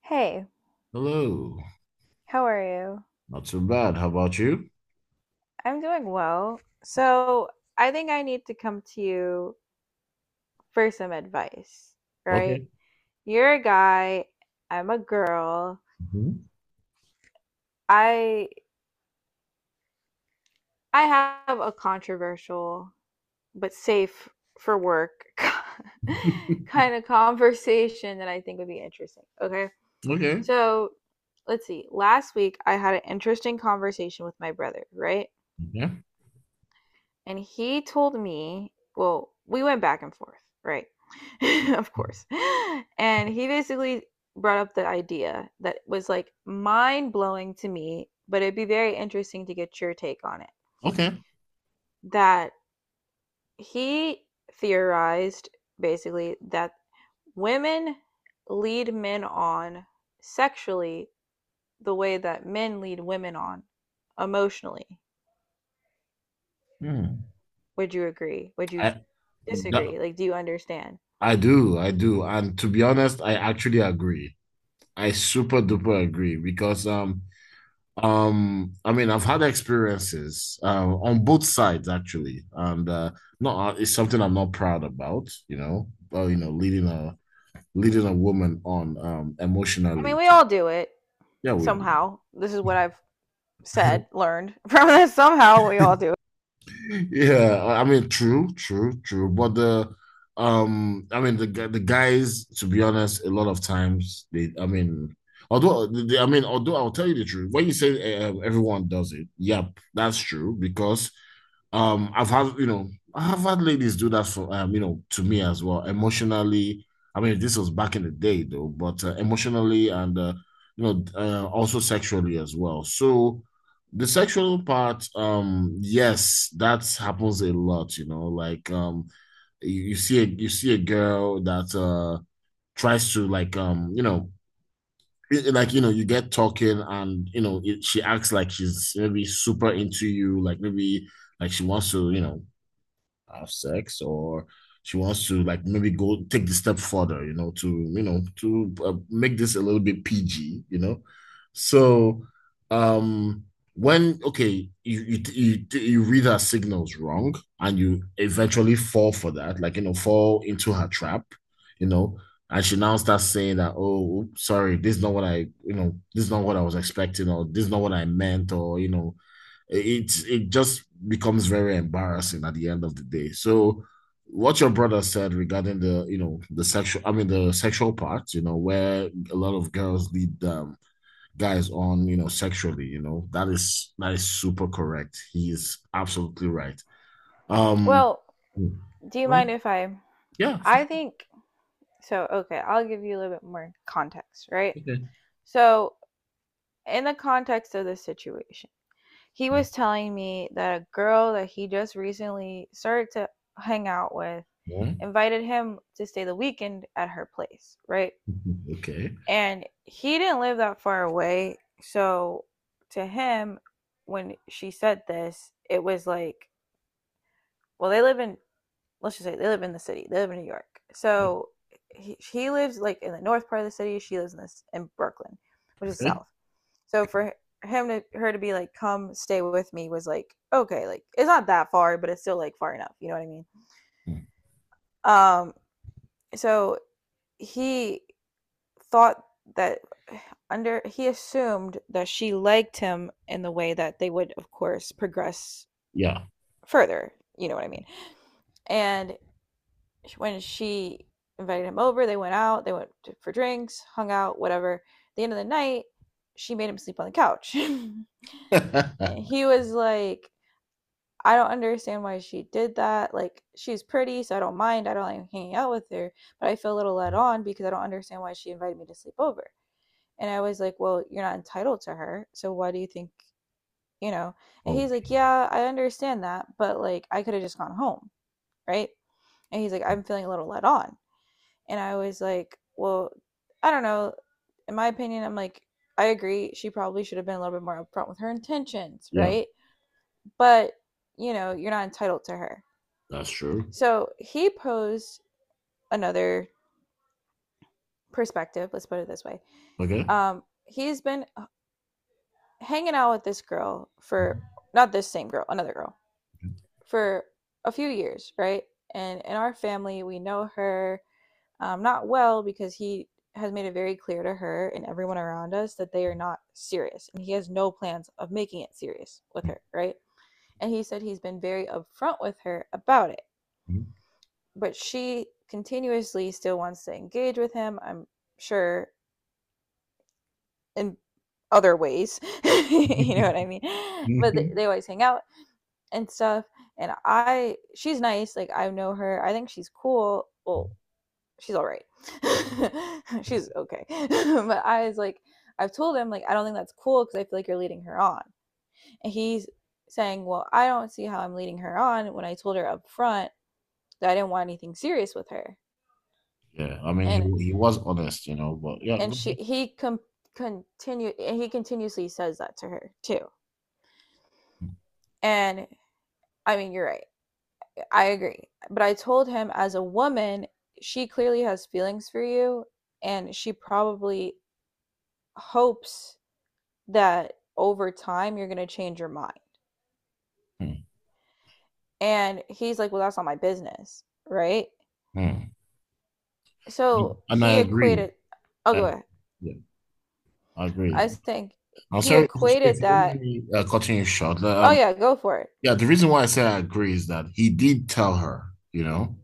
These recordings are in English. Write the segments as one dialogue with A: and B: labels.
A: Hey,
B: Hello.
A: how are you?
B: Not so bad. How about you?
A: I'm doing well. So, I think I need to come to you for some advice, right?
B: Okay.
A: You're a guy, I'm a girl.
B: Mhm.
A: I I have a controversial but safe for work kind of conversation that I think would be interesting. Okay?
B: Okay.
A: So, let's see. Last week I had an interesting conversation with my brother, right?
B: Yeah.
A: And he told me, well, we went back and forth, right? Of course. And he basically brought up the idea that was like mind blowing to me, but it'd be very interesting to get your take on it.
B: Okay.
A: That he theorized basically that women lead men on sexually the way that men lead women on emotionally.
B: Hmm.
A: Would you agree? Would you
B: I that,
A: disagree? Like, do you understand?
B: I do. I do. And to be honest, I actually agree. I super duper agree because I mean, I've had experiences on both sides actually, and not, it's something I'm not proud about, you know, but you know, leading a woman on
A: I mean,
B: emotionally.
A: we all do it
B: Yeah, we do.
A: somehow. This is what I've said, learned from this. Somehow we all do it.
B: Yeah, I mean, true, true, true. But I mean, the guys, to be honest, a lot of times I mean, I mean, although I'll tell you the truth, when you say everyone does it, yep, that's true because I've had ladies do that for, you know, to me as well, emotionally. I mean, this was back in the day though, but emotionally, and, you know, also sexually as well. So the sexual part, yes, that happens a lot, you know, like, you see a, girl that, tries to like, you know, like, you know, you get talking, and you know it, she acts like she's maybe super into you, like maybe like she wants to, you know, have sex, or she wants to like maybe go take the step further, you know, to you know, to make this a little bit PG, you know. So um when, okay, you read her signals wrong, and you eventually fall for that, like, you know, fall into her trap, you know, and she now starts saying that, oh, sorry, this is not what I you know this is not what I meant, or you know, it just becomes very embarrassing at the end of the day. So what your brother said regarding the you know the sexual I mean the sexual part, you know, where a lot of girls lead guys on, you know, sexually, you know, that is, that is super correct. He is absolutely right. Um
A: Well, do you
B: right?
A: mind if I?
B: Yeah, for
A: I
B: sure.
A: think so. Okay, I'll give you a little bit more context, right?
B: Okay.
A: So, in the context of this situation, he was telling me that a girl that he just recently started to hang out with
B: Yeah.
A: invited him to stay the weekend at her place, right?
B: Okay.
A: And he didn't live that far away. So to him, when she said this, it was like, well, they live in, let's just say they live in the city, they live in New York. So he lives like in the north part of the city, she lives in Brooklyn, which is
B: Okay.
A: south. So for him to her to be like come stay with me was like, okay, like it's not that far, but it's still like far enough, you know what I mean? Um so he thought that under he assumed that she liked him in the way that they would of course progress
B: Yeah.
A: further, you know what I mean? And when she invited him over, they went out, they for drinks, hung out whatever. At the end of the night she made him sleep on the couch and he was like, I don't understand why she did that. Like, she's pretty so I don't mind, I don't like hanging out with her, but I feel a little let on because I don't understand why she invited me to sleep over. And I was like, well, you're not entitled to her. So why do you think, you know? And he's like,
B: Okay.
A: yeah, I understand that, but like I could have just gone home, right? And he's like, I'm feeling a little let on. And I was like, well, I don't know. In my opinion, I'm like, I agree. She probably should have been a little bit more upfront with her intentions,
B: Yeah,
A: right? But, you know, you're not entitled to her.
B: that's true.
A: So he posed another perspective, let's put it this way.
B: Okay.
A: He's been hanging out with this girl for, not this same girl, another girl, for a few years, right? And in our family, we know her not well because he has made it very clear to her and everyone around us that they are not serious. And he has no plans of making it serious with
B: Mhm.
A: her, right? And he said he's been very upfront with her about it. But she continuously still wants to engage with him, I'm sure, in other ways. You know
B: Mhm.
A: what I mean? But they,
B: Mhm.
A: they always hang out and stuff. And she's nice. Like, I know her. I think she's cool. Well, she's all right. She's okay. But I was like, I've told him, like, I don't think that's cool because I feel like you're leading her on. And he's saying, well, I don't see how I'm leading her on when I told her up front that I didn't want anything serious with her.
B: Yeah, I mean,
A: And
B: he was honest, you know, but yeah,
A: and
B: go
A: she
B: ahead.
A: he com- continued, and he continuously says that to her too. And I mean, you're right. I agree. But I told him, as a woman, she clearly has feelings for you and she probably hopes that over time you're going to change your mind.
B: Mhm.
A: And he's like, "Well, that's not my business." Right?
B: Mhm.
A: So
B: And I
A: he
B: agree.
A: equated, Oh, go
B: I,
A: ahead.
B: yeah, I
A: I
B: agree.
A: think
B: I'm
A: he
B: sorry, if
A: equated
B: you don't mind
A: that,
B: me cutting you short. Like,
A: "Oh yeah, go for it."
B: Yeah, the reason why I say I agree is that he did tell her, you know,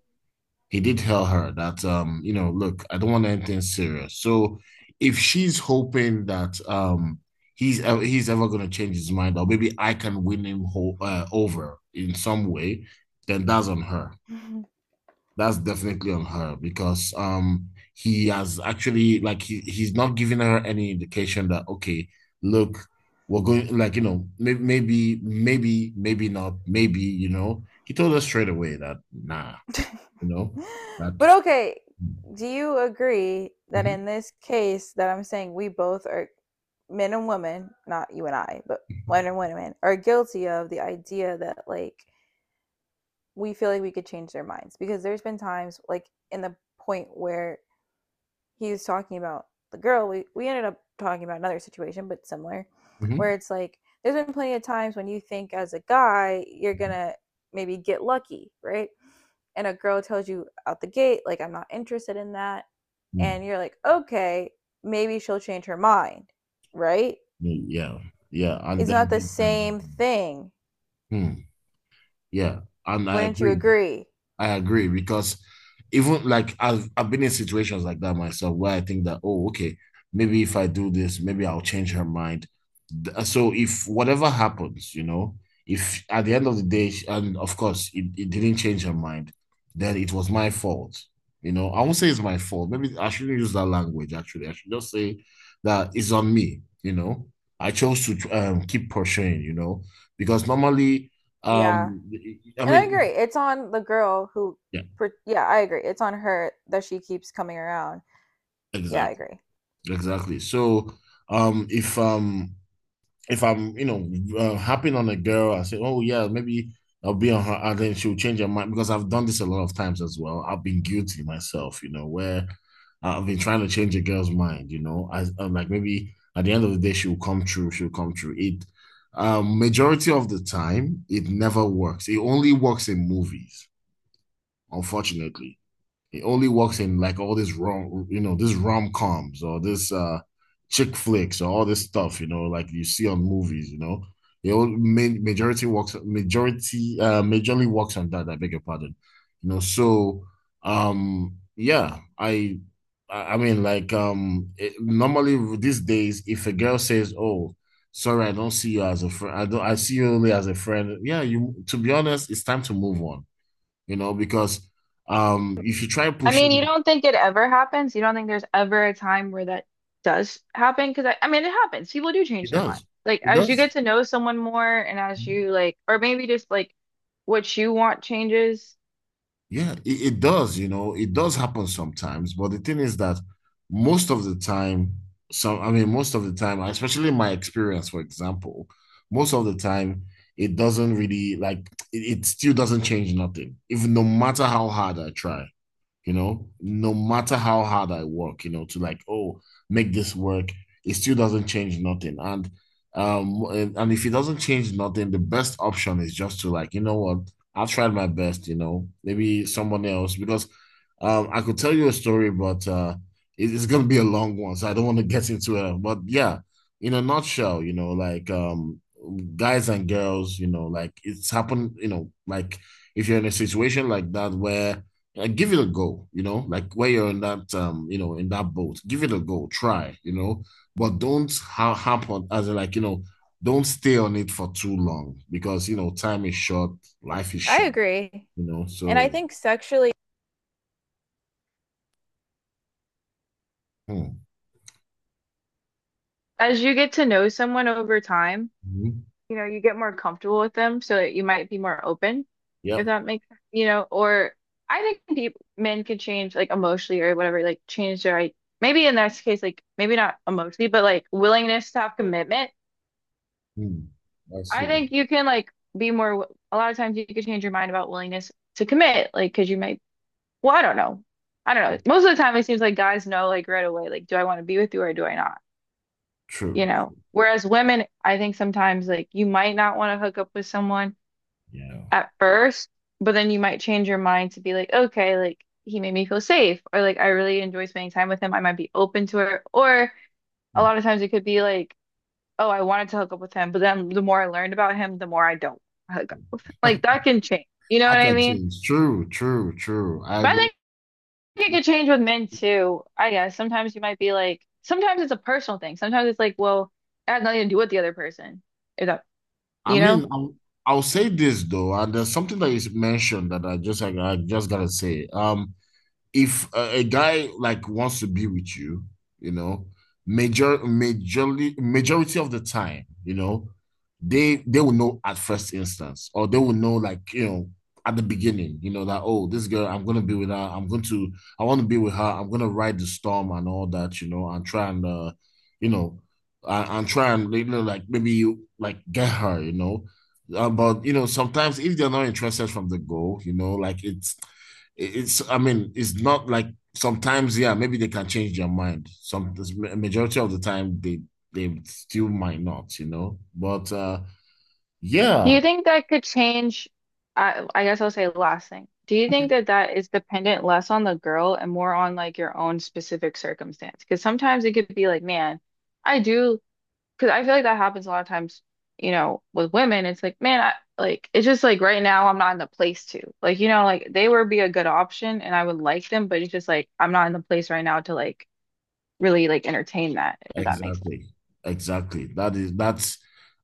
B: he did tell her that, you know, look, I don't want anything serious. So if she's hoping that he's ever going to change his mind, or maybe I can win him ho over in some way, then that's on her. That's definitely on her, because he has actually, like, he's not giving her any indication that, okay, look, we're going, like, you know, maybe, maybe, maybe, maybe not, maybe, you know, he told us straight away that, nah, you know, that.
A: But okay, do you agree that
B: Mhm,
A: in this case that I'm saying, we both are men and women, not you and I, but men and women are guilty of the idea that, like, we feel like we could change their minds? Because there's been times like in the point where he was talking about the girl, we ended up talking about another situation but similar, where
B: mhm,
A: it's like, there's been plenty of times when you think as a guy you're gonna maybe get lucky, right? And a girl tells you out the gate like, I'm not interested in that.
B: mhm.
A: And you're like, okay, maybe she'll change her mind, right?
B: Yeah, yeah, and
A: It's
B: then
A: not the
B: we can-
A: same thing,
B: Hmm, yeah, and I
A: wouldn't you
B: agree.
A: agree?
B: I agree, because even like, I've been in situations like that myself, where I think that, oh, okay, maybe if I do this, maybe I'll change her mind. So if whatever happens, you know, if at the end of the day, and of course it, it didn't change her mind, then it was my fault. You know, I won't say it's my fault. Maybe I shouldn't use that language actually. I should just say that it's on me, you know. I chose to keep pursuing, you know, because normally,
A: Yeah,
B: um, I
A: and I
B: mean,
A: agree it's on the girl who,
B: yeah,
A: yeah, I agree it's on her that she keeps coming around. Yeah, I
B: exactly.
A: agree.
B: Exactly. So, um, if um, if I'm, you know, harping on a girl, I say, oh yeah, maybe I'll be on her, and then she'll change her mind, because I've done this a lot of times as well. I've been guilty myself, you know, where I've been trying to change a girl's mind, you know, I, I'm like, maybe at the end of the day she'll come true. Majority of the time, it never works. It only works in movies, unfortunately. He only works in like all this rom coms, or this chick flicks, or all this stuff, you know, like you see on movies, you know. He only main, majority works majority majorly works on that, I beg your pardon. You know, so yeah, I mean, like, normally, these days, if a girl says, "Oh, sorry, I don't see you as a friend. I don't I see you only as a friend." Yeah, you to be honest, it's time to move on, you know, because if you try
A: I mean,
B: pushing
A: you
B: it,
A: don't think it ever happens? You don't think there's ever a time where that does happen? Because I mean, it happens. People do change
B: it
A: their mind.
B: does.
A: Like,
B: It
A: as you get
B: does.
A: to know someone more, and as you like, or maybe just like what you want changes.
B: Yeah, it does, you know, it does happen sometimes. But the thing is that most of the time, I mean, most of the time, especially in my experience, for example, most of the time, it doesn't really like it still doesn't change nothing, even no matter how hard I try. You know, no matter how hard I work, you know, to like, oh, make this work, it still doesn't change nothing. And if it doesn't change nothing, the best option is just to, like, you know what, I've tried my best, you know, maybe someone else, because I could tell you a story, but it's gonna be a long one, so I don't want to get into it. But yeah, in a nutshell, you know, like, guys and girls, you know, like, it's happened, you know, like, if you're in a situation like that, where, like, give it a go, you know, like, where you're in that you know, in that boat, give it a go, try, you know, but don't harp on, as in like, you know, don't stay on it for too long, because, you know, time is short, life is
A: I
B: short,
A: agree.
B: you know.
A: And I
B: So
A: think sexually,
B: hmm.
A: as you get to know someone over time,
B: Mhm.
A: you know, you get more comfortable with them so that you might be more open, if
B: Yep.
A: that makes sense, you know, or, I think people, men, could change like emotionally or whatever, like change their like, maybe in this case, like maybe not emotionally, but like willingness to have commitment.
B: Hmm. I
A: I
B: see.
A: think you can like a lot of times you can change your mind about willingness to commit, like, because you might, well, I don't know. I don't know. Most of the time it seems like guys know like right away, like, do I want to be with you or do I not? You
B: True.
A: know. Whereas women, I think sometimes, like, you might not want to hook up with someone
B: Yeah.
A: at first, but then you might change your mind to be like, okay, like, he made me feel safe, or like, I really enjoy spending time with him. I might be open to it. Or a lot of times it could be like, oh, I wanted to hook up with him, but then the more I learned about him, the more I don't hook up with him. Like, that can change. You know
B: I
A: what I
B: can
A: mean?
B: change. True, true, true. I
A: But
B: agree.
A: I think it could change with men too. I guess sometimes you might be like, sometimes it's a personal thing. Sometimes it's like, well, it has nothing to do with the other person. If that,
B: I
A: you know?
B: mean, I'll say this though, and there's something that is mentioned that I just gotta say. If a, a guy like wants to be with you, you know, majority of the time, you know, they will know at first instance, or they will know, like, you know, at the beginning, you know, that, oh, this girl, I'm gonna be with her, I'm going to, I want to be with her, I'm gonna ride the storm and all that, you know, and try and you know, and try, and, you know, like, maybe you like get her, you know. But you know, sometimes if they're not interested from the go, you know, like, it's, I mean, it's not like sometimes, yeah, maybe they can change their mind. Some Majority of the time, they still might not, you know. But
A: Do
B: yeah.
A: you think that could change? I guess I'll say last thing. Do you think that that is dependent less on the girl and more on like your own specific circumstance? Because sometimes it could be like, man, I do, because I feel like that happens a lot of times, you know, with women. It's like, man, I, like, it's just like right now I'm not in the place to. Like, you know, like, they would be a good option and I would like them, but it's just like I'm not in the place right now to like really like entertain that, if that makes sense.
B: Exactly. Exactly. That is, that's,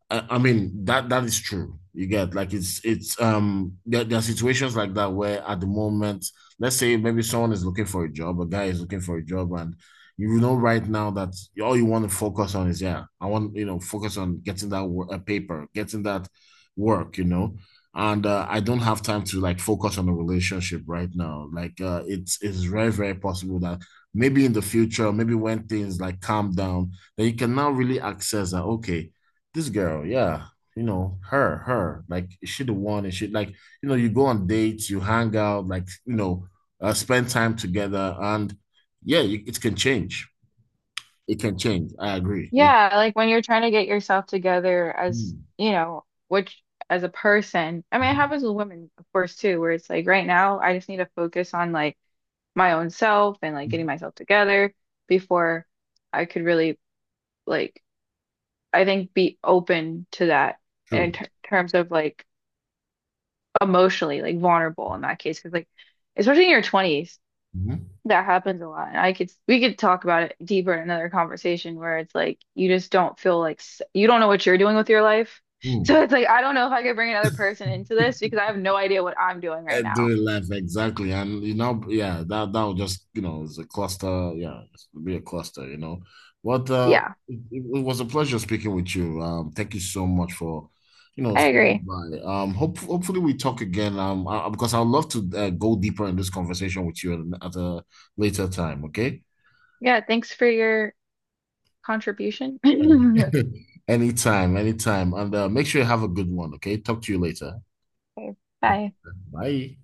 B: I mean, that that is true. You get, like, it's there are situations like that, where, at the moment, let's say maybe someone is looking for a job, a guy is looking for a job, and you know, right now, that all you want to focus on is, yeah, I want you know focus on getting that work, a paper, getting that work, you know, and I don't have time to, like, focus on a relationship right now. Like, it's very, very possible that maybe in the future, maybe when things like calm down, then you can now really access that, okay, this girl, yeah, you know, her, her, like, is she the one? And she, like, you know, you go on dates, you hang out, like, you know, spend time together. And yeah, you, it can change. It can change. I agree. You know?
A: Yeah, like when you're trying to get yourself together as,
B: Mm,
A: you know, which, as a person, I mean, it
B: mhm,
A: happens with women, of course, too, where it's like, right now, I just need to focus on like my own self and like getting
B: mhm.
A: myself together before I could really, like, I think, be open to that in
B: True.
A: terms of like emotionally, like vulnerable in that case. Cause, like, especially in your 20s,
B: Mm-hmm.
A: that happens a lot. I could we could talk about it deeper in another conversation where it's like you just don't feel like you don't know what you're doing with your life.
B: Mm.
A: So it's like I don't know if I could bring another person into this because I have no idea what I'm doing right now.
B: Do it left, exactly, and you know, yeah, that that would just, you know, it's a cluster. Yeah, it's be a cluster. You know, but
A: Yeah,
B: it was a pleasure speaking with you. Thank you so much for, you know,
A: I
B: stopping
A: agree.
B: by. Hopefully we talk again. Because I'd love to go deeper in this conversation with you at, a later time. Okay.
A: Yeah, thanks for your contribution.
B: any Anytime, anytime, and make sure you have a good one. Okay. Talk to you later.
A: Okay.
B: Okay.
A: Bye.
B: Bye.